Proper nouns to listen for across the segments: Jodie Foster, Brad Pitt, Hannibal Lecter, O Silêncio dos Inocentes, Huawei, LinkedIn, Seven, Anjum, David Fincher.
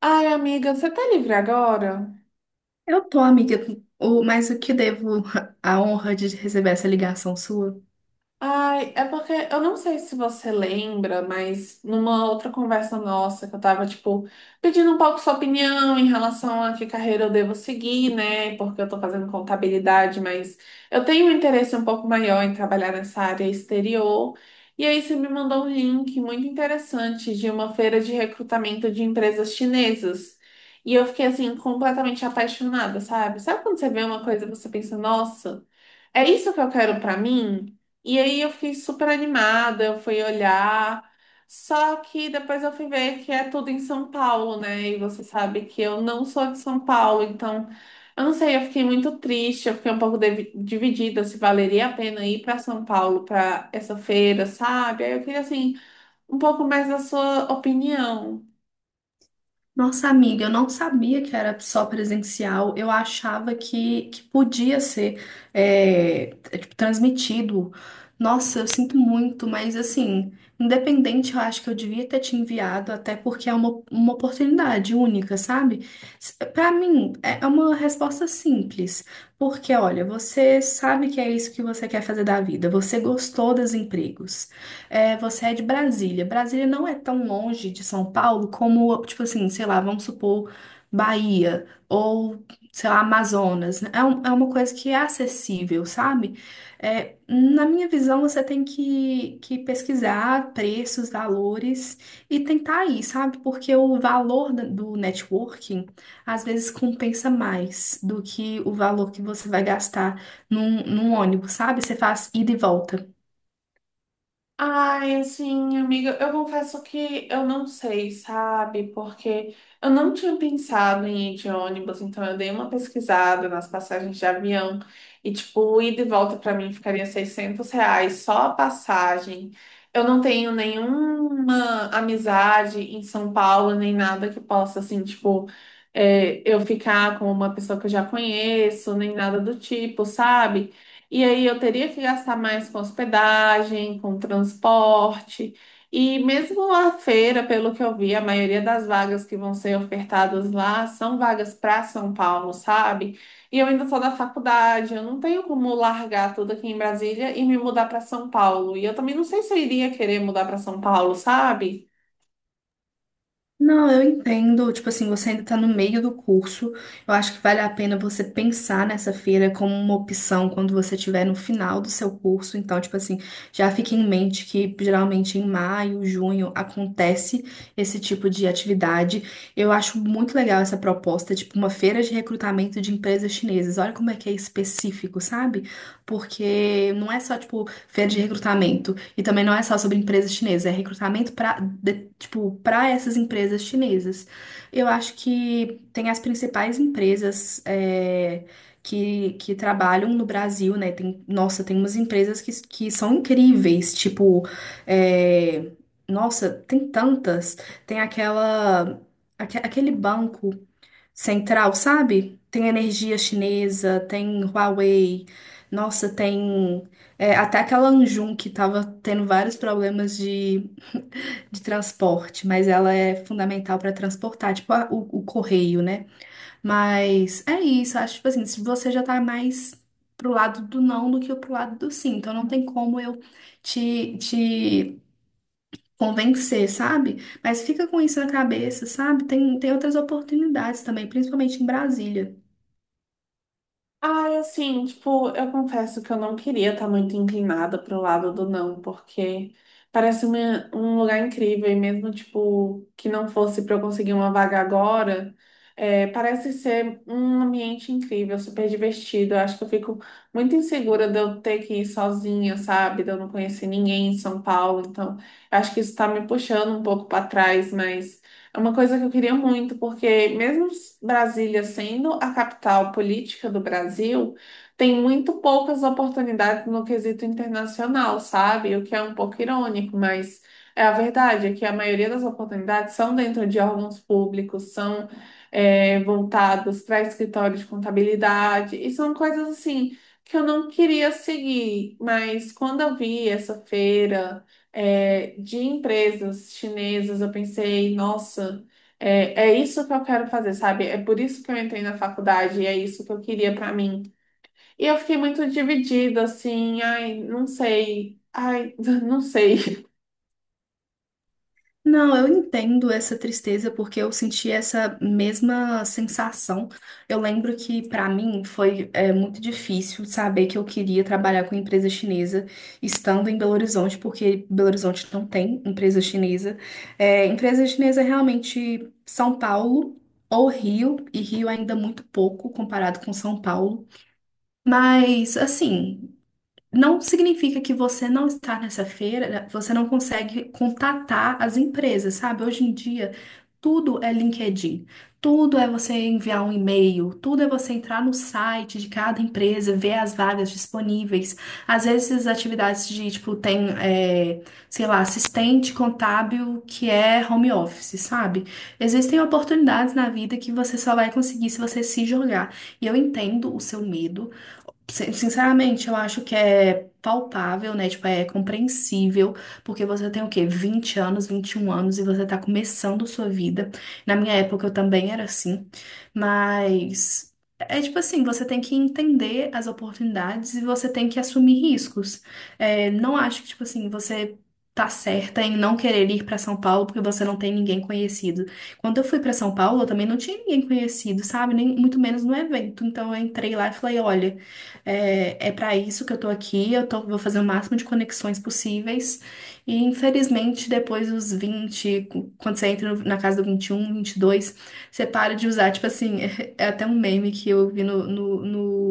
Ai, amiga, você tá livre agora? Eu tô, amiga, o, mas o que devo a honra de receber essa ligação sua? Ai, é porque eu não sei se você lembra, mas numa outra conversa nossa que eu tava, tipo, pedindo um pouco sua opinião em relação a que carreira eu devo seguir, né? Porque eu tô fazendo contabilidade, mas eu tenho um interesse um pouco maior em trabalhar nessa área exterior. E aí você me mandou um link muito interessante de uma feira de recrutamento de empresas chinesas. E eu fiquei assim completamente apaixonada, sabe? Sabe quando você vê uma coisa e você pensa, nossa, é isso que eu quero pra mim? E aí eu fiquei super animada, eu fui olhar. Só que depois eu fui ver que é tudo em São Paulo, né? E você sabe que eu não sou de São Paulo, então eu não sei, eu fiquei muito triste, eu fiquei um pouco dividida se valeria a pena ir para São Paulo para essa feira, sabe? Aí eu queria assim um pouco mais da sua opinião. Nossa, amiga, eu não sabia que era só presencial, eu achava que podia ser tipo, transmitido. Nossa, eu sinto muito, mas assim, independente, eu acho que eu devia ter te enviado, até porque é uma oportunidade única, sabe? Pra mim, é uma resposta simples. Porque, olha, você sabe que é isso que você quer fazer da vida, você gostou dos empregos. Você é de Brasília. Brasília não é tão longe de São Paulo como, tipo assim, sei lá, vamos supor, Bahia ou, sei lá, Amazonas, né? É uma coisa que é acessível, sabe? Na minha visão, você tem que pesquisar preços, valores e tentar aí, sabe? Porque o valor do networking às vezes compensa mais do que o valor que você vai gastar num ônibus, sabe? Você faz ida e volta. Ai, assim, amiga, eu confesso que eu não sei, sabe? Porque eu não tinha pensado em ir de ônibus, então eu dei uma pesquisada nas passagens de avião e, tipo, ida e volta pra mim ficaria R$ 600 só a passagem. Eu não tenho nenhuma amizade em São Paulo, nem nada que possa, assim, tipo, eu ficar com uma pessoa que eu já conheço, nem nada do tipo, sabe? E aí eu teria que gastar mais com hospedagem, com transporte. E mesmo a feira, pelo que eu vi, a maioria das vagas que vão ser ofertadas lá são vagas para São Paulo, sabe? E eu ainda sou da faculdade, eu não tenho como largar tudo aqui em Brasília e me mudar para São Paulo. E eu também não sei se eu iria querer mudar para São Paulo, sabe? Não, eu entendo. Tipo assim, você ainda está no meio do curso. Eu acho que vale a pena você pensar nessa feira como uma opção quando você estiver no final do seu curso. Então, tipo assim, já fique em mente que geralmente em maio, junho acontece esse tipo de atividade. Eu acho muito legal essa proposta, tipo uma feira de recrutamento de empresas chinesas. Olha como é que é específico, sabe? Porque não é só tipo feira de recrutamento. E também não é só sobre empresas chinesas, é recrutamento para, tipo, para essas empresas chinesas. Eu acho que tem as principais empresas que trabalham no Brasil, né? Tem, nossa, tem umas empresas que são incríveis, tipo, é, nossa, tem tantas. Tem aquela. Aquele banco central, sabe? Tem energia chinesa, tem Huawei, nossa, tem até aquela Anjum que estava tendo vários problemas de transporte, mas ela é fundamental para transportar, tipo o correio, né? Mas é isso, acho tipo assim, se você já tá mais pro lado do não do que pro lado do sim, então não tem como eu te convencer, sabe? Mas fica com isso na cabeça, sabe? Tem outras oportunidades também, principalmente em Brasília. Ai, assim, tipo, eu confesso que eu não queria estar muito inclinada pro lado do não, porque parece um lugar incrível, e mesmo, tipo, que não fosse para eu conseguir uma vaga agora, é, parece ser um ambiente incrível, super divertido. Eu acho que eu fico muito insegura de eu ter que ir sozinha, sabe? De eu não conhecer ninguém em São Paulo, então eu acho que isso tá me puxando um pouco para trás, mas. É uma coisa que eu queria muito, porque mesmo Brasília sendo a capital política do Brasil, tem muito poucas oportunidades no quesito internacional, sabe? O que é um pouco irônico, mas é a verdade, é que a maioria das oportunidades são dentro de órgãos públicos, são, é, voltados para escritórios de contabilidade, e são coisas assim que eu não queria seguir, mas quando eu vi essa feira de empresas chinesas, eu pensei, nossa, é isso que eu quero fazer, sabe? É por isso que eu entrei na faculdade, é isso que eu queria pra mim. E eu fiquei muito dividida, assim, ai, não sei, ai, não sei. Não, eu entendo essa tristeza porque eu senti essa mesma sensação. Eu lembro que para mim foi muito difícil saber que eu queria trabalhar com empresa chinesa estando em Belo Horizonte, porque Belo Horizonte não tem empresa chinesa. É, empresa chinesa é realmente São Paulo ou Rio, e Rio ainda muito pouco comparado com São Paulo. Mas assim. Não significa que você não estar nessa feira, né? Você não consegue contatar as empresas, sabe? Hoje em dia, tudo é LinkedIn, tudo é você enviar um e-mail, tudo é você entrar no site de cada empresa, ver as vagas disponíveis. Às vezes, as atividades de, tipo, tem, sei lá, assistente contábil que é home office, sabe? Existem oportunidades na vida que você só vai conseguir se você se jogar. E eu entendo o seu medo. Sinceramente, eu acho que é palpável, né? Tipo, é compreensível, porque você tem o quê? 20 anos, 21 anos e você tá começando sua vida. Na minha época eu também era assim, mas é tipo assim, você tem que entender as oportunidades e você tem que assumir riscos. É, não acho que, tipo assim, você tá certa em não querer ir pra São Paulo porque você não tem ninguém conhecido. Quando eu fui pra São Paulo, eu também não tinha ninguém conhecido, sabe? Nem muito menos no evento. Então eu entrei lá e falei, olha, é para isso que eu tô aqui, eu tô, vou fazer o máximo de conexões possíveis. E infelizmente, depois dos quando você entra na casa do vinte, vinte e um, vinte e dois, você para de usar. Tipo assim, é até um meme que eu vi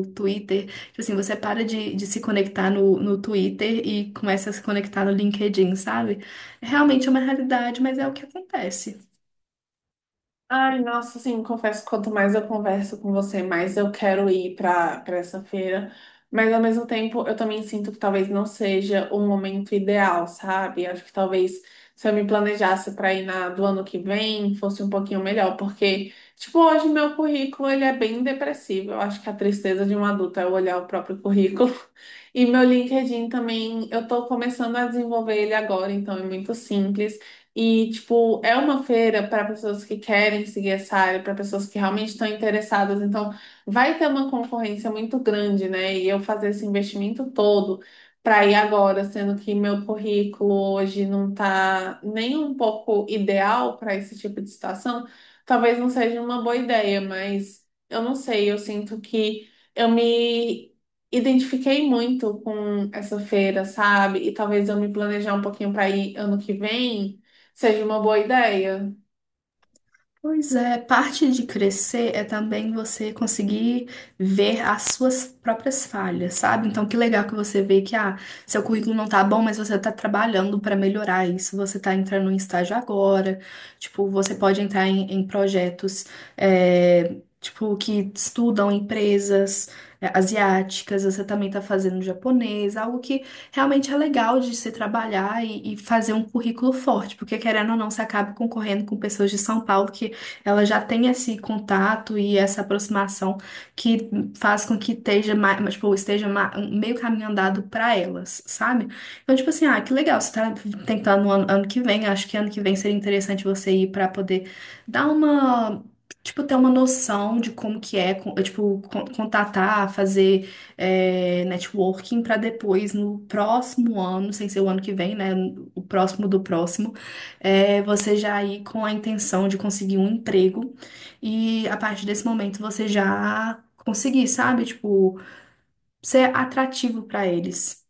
no Twitter. Tipo assim, você para de se conectar no Twitter e começa a se conectar no LinkedIn, sabe? Realmente é uma realidade, mas é o que acontece. Ai, nossa, assim, confesso que quanto mais eu converso com você, mais eu quero ir para essa feira. Mas ao mesmo tempo, eu também sinto que talvez não seja o momento ideal, sabe? Acho que talvez se eu me planejasse para ir na do ano que vem, fosse um pouquinho melhor, porque tipo, hoje meu currículo ele é bem depressivo. Eu acho que a tristeza de um adulto é olhar o próprio currículo. E meu LinkedIn também, eu tô começando a desenvolver ele agora, então é muito simples. E, tipo, é uma feira para pessoas que querem seguir essa área, para pessoas que realmente estão interessadas. Então, vai ter uma concorrência muito grande, né? E eu fazer esse investimento todo para ir agora, sendo que meu currículo hoje não está nem um pouco ideal para esse tipo de situação, talvez não seja uma boa ideia, mas eu não sei, eu sinto que eu me identifiquei muito com essa feira, sabe? E talvez eu me planejar um pouquinho para ir ano que vem seja uma boa ideia. Pois é, parte de crescer é também você conseguir ver as suas próprias falhas, sabe? Então, que legal que você vê que ah, seu currículo não tá bom, mas você tá trabalhando para melhorar isso. Você tá entrando em estágio agora, tipo, você pode entrar em projetos é, tipo que estudam empresas asiáticas. Você também tá fazendo japonês, algo que realmente é legal de se trabalhar e fazer um currículo forte, porque querendo ou não, você acaba concorrendo com pessoas de São Paulo que ela já tem esse contato e essa aproximação que faz com que esteja, mais, tipo, meio caminho andado para elas, sabe? Então, tipo assim, ah, que legal, você tá tentando no ano, ano que vem, acho que ano que vem seria interessante você ir para poder dar uma. Tipo, ter uma noção de como que é, contatar, fazer networking para depois, no próximo ano, sem ser o ano que vem, né? O próximo do próximo é você já ir com a intenção de conseguir um emprego e a partir desse momento você já conseguir, sabe? Tipo, ser atrativo para eles.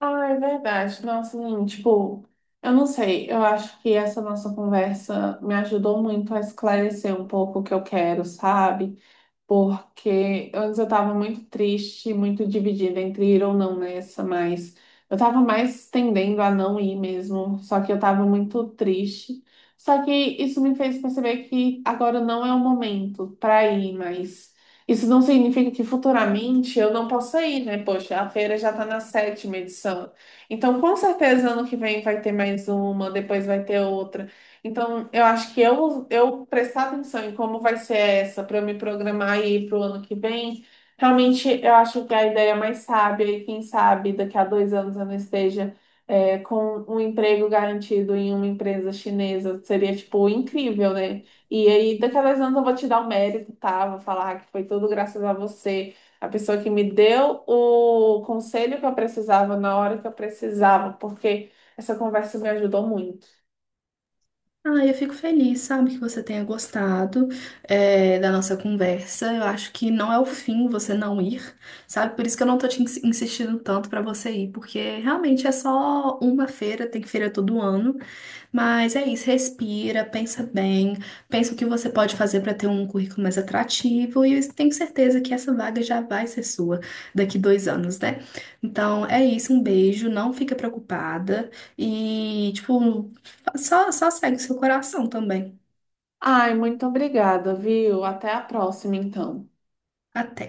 Ah, é verdade. Nossa, assim, tipo, eu não sei. Eu acho que essa nossa conversa me ajudou muito a esclarecer um pouco o que eu quero, sabe? Porque antes eu estava muito triste, muito dividida entre ir ou não nessa, mas eu estava mais tendendo a não ir mesmo, só que eu estava muito triste. Só que isso me fez perceber que agora não é o momento para ir, mas isso não significa que futuramente eu não possa ir, né? Poxa, a feira já está na sétima edição. Então, com certeza, ano que vem vai ter mais uma, depois vai ter outra. Então, eu acho que eu, prestar atenção em como vai ser essa para eu me programar aí para o ano que vem, realmente eu acho que a ideia é mais sábia e quem sabe daqui a 2 anos eu não esteja com um emprego garantido em uma empresa chinesa. Seria, tipo, incrível, né? E aí, daqui a dois anos eu vou te dar o mérito, tá? Vou falar que foi tudo graças a você, a pessoa que me deu o conselho que eu precisava na hora que eu precisava, porque essa conversa me ajudou muito. Ah, eu fico feliz, sabe, que você tenha gostado, da nossa conversa. Eu acho que não é o fim você não ir, sabe? Por isso que eu não tô te insistindo tanto para você ir, porque realmente é só uma feira, tem feira todo ano. Mas é isso, respira, pensa bem, pensa o que você pode fazer para ter um currículo mais atrativo e eu tenho certeza que essa vaga já vai ser sua daqui 2 anos, né? Então é isso, um beijo, não fica preocupada e, tipo, só segue o seu coração também. Ai, muito obrigada, viu? Até a próxima, então. Até.